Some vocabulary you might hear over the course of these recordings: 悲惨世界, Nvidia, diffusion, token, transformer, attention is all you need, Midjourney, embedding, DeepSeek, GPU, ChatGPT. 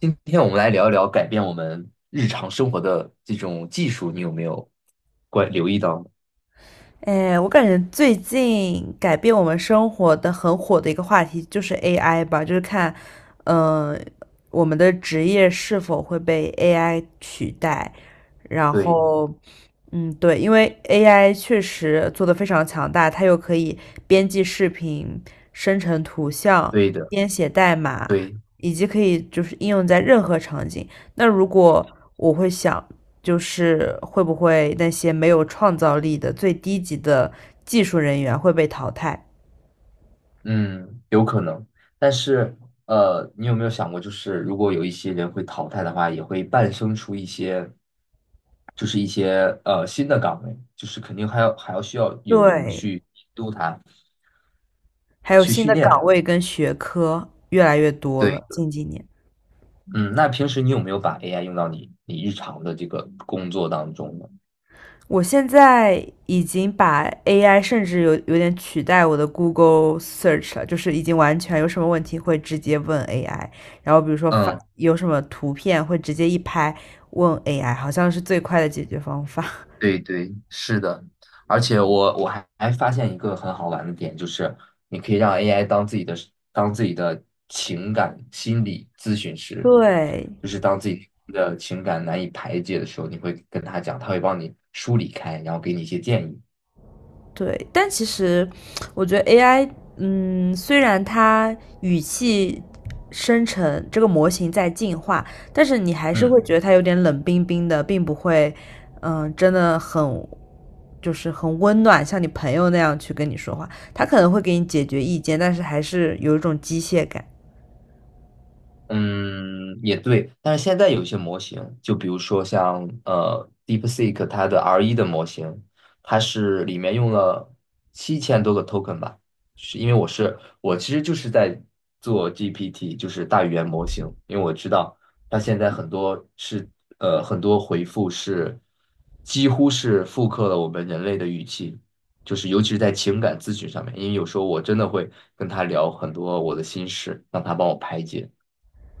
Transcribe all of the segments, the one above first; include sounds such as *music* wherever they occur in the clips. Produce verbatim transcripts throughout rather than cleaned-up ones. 今天我们来聊一聊改变我们日常生活的这种技术，你有没有关留意到呢？哎，我感觉最近改变我们生活的很火的一个话题就是 A I 吧，就是看，嗯，我们的职业是否会被 A I 取代。然对，后，嗯，对，因为 A I 确实做得非常强大，它又可以编辑视频、生成图像、对的，编写代码，对，以及可以就是应用在任何场景。那如果我会想，就是会不会那些没有创造力的最低级的技术人员会被淘汰？嗯，有可能。但是，呃，你有没有想过，就是如果有一些人会淘汰的话，也会诞生出一些，就是一些呃新的岗位，就是肯定还要还要需要有人对，去监督它，还有去新训的练它。岗位跟学科越来越多对，了。近几年，嗯，那平时你有没有把 A I 用到你你日常的这个工作当中呢？我现在已经把 A I 甚至有有点取代我的 Google Search 了，就是已经完全有什么问题会直接问 A I，然后比如说发嗯。有什么图片会直接一拍问 A I，好像是最快的解决方法。*laughs* 对对，是的，而且我我还还发现一个很好玩的点，就是你可以让 A I 当自己的当自己的情感心理咨询师，对，就是当自己的情感难以排解的时候，你会跟他讲，他会帮你梳理开，然后给你一些建议。对，但其实我觉得 A I，嗯，虽然它语气生成这个模型在进化，但是你还是嗯。会觉得它有点冷冰冰的，并不会，嗯，真的很就是很温暖，像你朋友那样去跟你说话。它可能会给你解决意见，但是还是有一种机械感。嗯，也对，但是现在有一些模型，就比如说像呃 DeepSeek 它的 R 一 的模型，它是里面用了七千多个 token 吧，是因为我是我其实就是在做 G P T，就是大语言模型，因为我知道它现在很多是呃很多回复是几乎是复刻了我们人类的语气，就是尤其是在情感咨询上面，因为有时候我真的会跟他聊很多我的心事，让他帮我排解。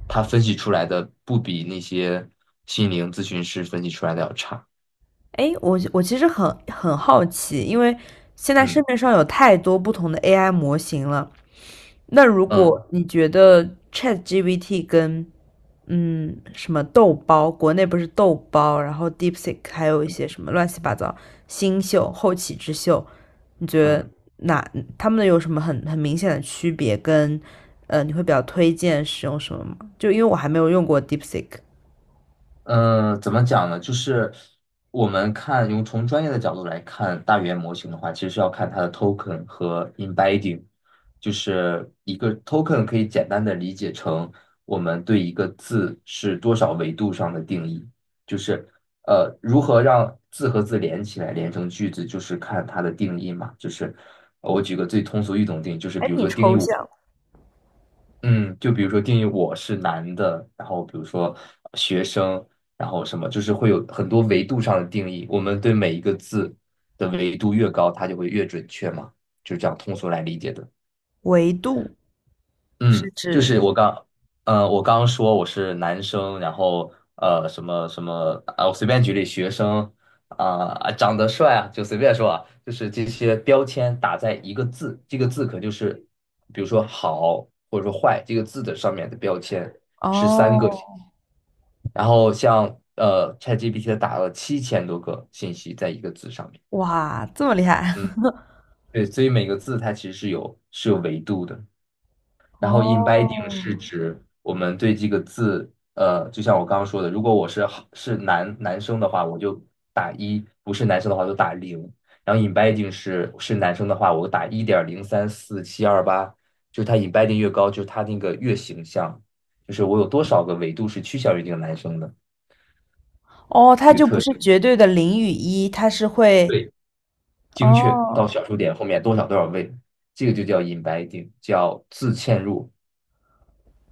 他分析出来的不比那些心灵咨询师分析出来的要差。哎，我我其实很很好奇，因为现在市嗯面上有太多不同的 A I 模型了。那如嗯果你觉得 ChatGPT 跟嗯，什么豆包，国内不是豆包，然后 DeepSeek，还有一些什么乱七八糟新秀、后起之秀，你觉得嗯。哪他们有什么很很明显的区别？跟呃，你会比较推荐使用什么吗？就因为我还没有用过 DeepSeek，嗯，怎么讲呢？就是我们看，用从专业的角度来看大语言模型的话，其实是要看它的 token 和 embedding，就是一个 token 可以简单的理解成我们对一个字是多少维度上的定义，就是呃，如何让字和字连起来，连成句子，就是看它的定义嘛。就是呃我举个最通俗易懂的定义，就是还比如挺说定抽义象。我。嗯，就比如说定义我是男的，然后比如说学生，然后什么，就是会有很多维度上的定义。我们对每一个字的维度越高，它就会越准确嘛，就是这样通俗来理解的。维度是嗯，就指是我刚，呃，我刚说我是男生，然后呃，什么什么，啊，我随便举例，学生啊、啊，长得帅啊，就随便说啊，就是这些标签打在一个字，这个字可就是，比如说好或者说坏这个字的上面的标签是三个信息。哦，然后像呃 ChatGPT 它打了七千多个信息在一个字上面，哇，这么厉害 嗯，*laughs* 对，所以每个字它其实是有是有维度的。然后 embedding 哦是指我们对这个字，呃，就像我刚刚说的，如果我是好是男男生的话，我就打一；不是男生的话就打零。然后 embedding 是是男生的话，我打一点零三四七二八，就是它 embedding 越高，就是它那个越形象，就是我有多少个维度是趋向于这个男生的哦，它这个就不特是性，绝对的零与一，它是会对，精确到哦小数点后面多少多少位，这个就叫 embedding，叫自嵌入。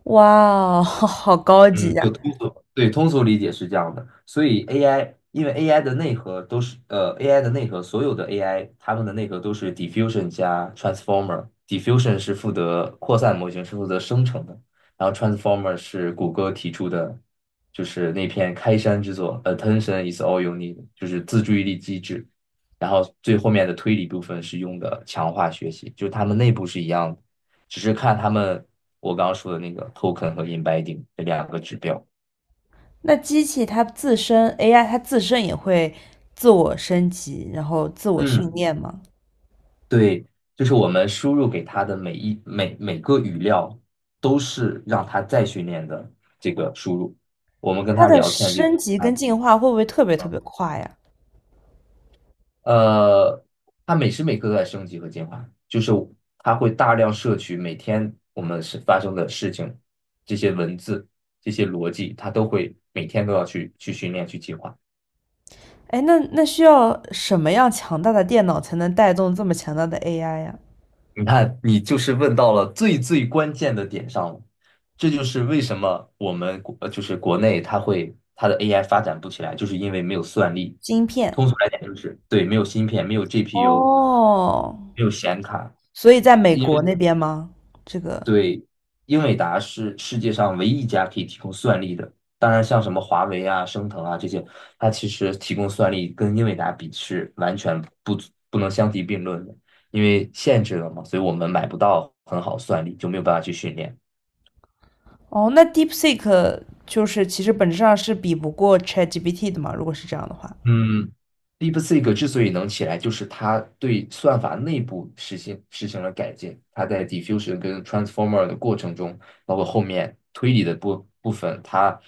哇哦，*laughs* 好好高级嗯，呀！就通俗，对，通俗理解是这样的。所以 AI，因为 AI 的内核都是呃，AI 的内核，所有的 AI 它们的内核都是 diffusion 加 transformer。diffusion 是负责扩散模型，是负责生成的，然后 transformer 是谷歌提出的，就是那篇开山之作，attention is all you need，就是自注意力机制。然后最后面的推理部分是用的强化学习，就是它们内部是一样的。只是看他们我刚刚说的那个 token 和 embedding 这两个指标。那机器它自身 A I 它自身也会自我升级，然后自我训嗯，练吗？对，就是我们输入给它的每一每每个语料都是让它再训练的这个输入。我们跟它他的聊天这升个，级它跟进化会不会特别特嗯别快呀？呃，他每时每刻都在升级和进化，就是他会大量摄取每天我们是发生的事情，这些文字、这些逻辑，他都会每天都要去去训练、去进化。哎，那那需要什么样强大的电脑才能带动这么强大的 A I 呀？你看，你就是问到了最最关键的点上了，这就是为什么我们国呃就是国内它会它的 A I 发展不起来，就是因为没有算力。晶片。通俗来讲，就是对，没有芯片，没有 G P U，哦，没有显卡。所以在美因国那边吗？这个对，英伟达是世界上唯一一家可以提供算力的。当然，像什么华为啊、升腾啊这些，它其实提供算力跟英伟达比是完全不足不能相提并论的，因为限制了嘛，所以我们买不到很好算力，就没有办法去训练。哦，那 DeepSeek 就是其实本质上是比不过 ChatGPT 的嘛，如果是这样的话。嗯，DeepSeek 之所以能起来，就是它对算法内部实行实行了改进。它在 diffusion 跟 transformer 的过程中，包括后面推理的部部分，它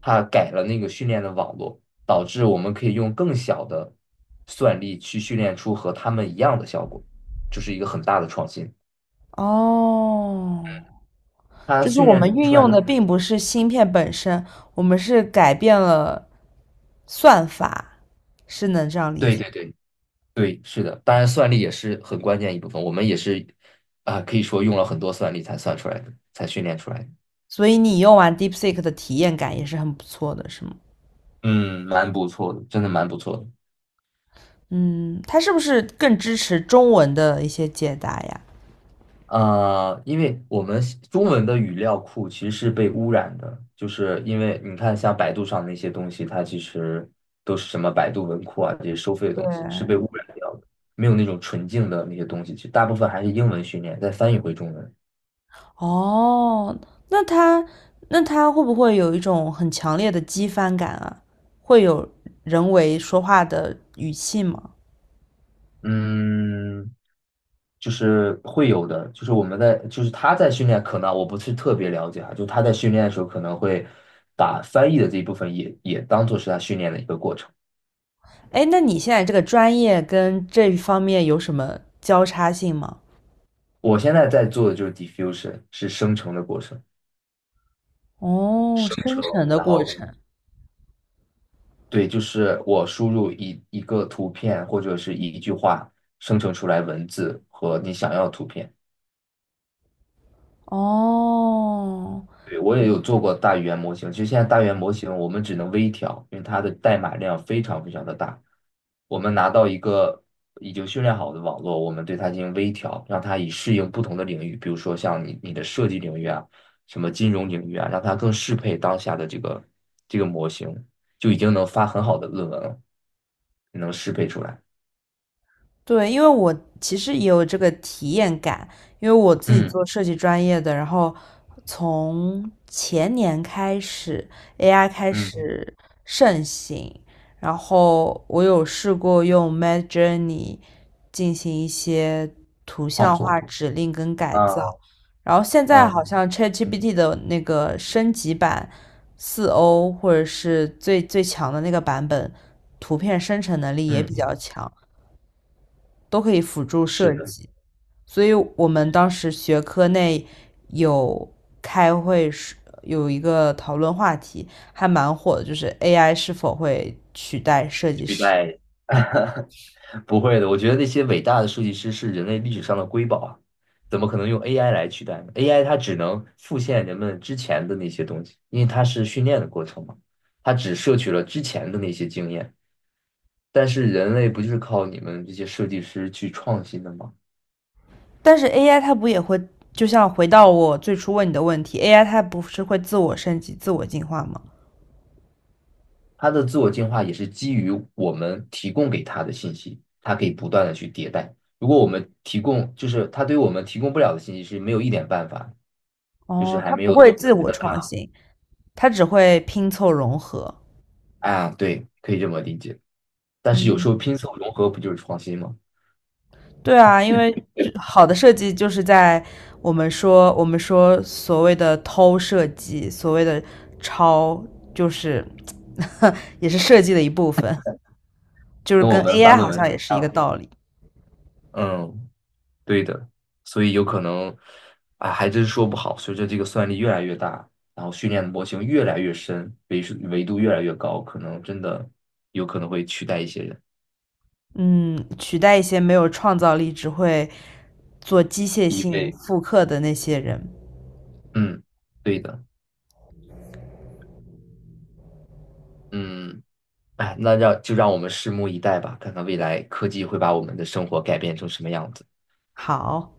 它改了那个训练的网络，导致我们可以用更小的算力去训练出和他们一样的效果，这是一个很大的创新。哦，它就是训我练们运出来用的，的并不是芯片本身，我们是改变了算法，是能这样理对解对吗？对对，是的，当然算力也是很关键一部分，我们也是啊、可以说用了很多算力才算出来的，才训练出来的。所以你用完 DeepSeek 的体验感也是很不错的，是吗？嗯，蛮不错的，真的蛮不错的。嗯，它是不是更支持中文的一些解答呀？啊！因为我们西中文的语料库其实是被污染的，就是因为你看，像百度上那些东西，它其实都是什么百度文库啊这些收费的对，东西，是被污染掉的，没有那种纯净的那些东西。其实大部分还是英文训练，再翻译回中文。哦，那它那它会不会有一种很强烈的机翻感啊？会有人为说话的语气吗？嗯，就是会有的，就是我们在，就是他在训练，可能我不是特别了解哈，就他在训练的时候可能会把翻译的这一部分也也当做是他训练的一个过程。哎，那你现在这个专业跟这一方面有什么交叉性吗？我现在在做的就是 diffusion，是生成的过程，哦，生生成，成的然过后程，对，就是我输入一一个图片或者是一句话，生成出来文字和你想要的图片。哦，对，我也有做过大语言模型，其实现在大语言模型我们只能微调，因为它的代码量非常非常的大。我们拿到一个已经训练好的网络，我们对它进行微调，让它以适应不同的领域，比如说像你你的设计领域啊，什么金融领域啊，让它更适配当下的这个这个模型，就已经能发很好的论文了，能适配出来。对，因为我其实也有这个体验感，因为我自己嗯做设计专业的，然后从前年开始，A I 开嗯，始盛行，然后我有试过用 Mid Journey 进行一些图创像作化指令跟改啊，造，然后现在嗯好像 ChatGPT 的那个升级版四 O 或者是最最强的那个版本，图片生成能力也比嗯，较强。都可以辅助是设的，计。所以我们当时学科内有开会是有一个讨论话题，还蛮火的，就是 A I 是否会取代设计取师？代。不会的，我觉得那些伟大的设计师是人类历史上的瑰宝啊，怎么可能用 A I 来取代呢？A I 它只能复现人们之前的那些东西，因为它是训练的过程嘛，它只摄取了之前的那些经验。但是人类不就是靠你们这些设计师去创新的吗？但是 A I 它不也会，就像回到我最初问你的问题，A I 它不是会自我升级、自我进化吗？它的自我进化也是基于我们提供给它的信息，它可以不断的去迭代。如果我们提供，就是它对我们提供不了的信息是没有一点办法，就是哦，还它没不有从会我自们人我的大创脑，新，它只会拼凑融合。啊，对，可以这么理解。但是嗯有时候哼，拼凑融合不就是创新吗？对啊，因为这好的设计就是在我们说我们说所谓的偷设计，所谓的抄，就是 *laughs* 也是设计的一部分，就是跟我跟 们发 A I 论好文像是也一是一样个的。道理。嗯，对的，所以有可能，啊，还真说不好。随着这个算力越来越大，然后训练的模型越来越深，维数维度越来越高，可能真的有可能会取代一些人。嗯，取代一些没有创造力、只会做机械因性为，复刻的那些人。嗯，对的，嗯，哎，那让就让我们拭目以待吧，看看未来科技会把我们的生活改变成什么样子。好。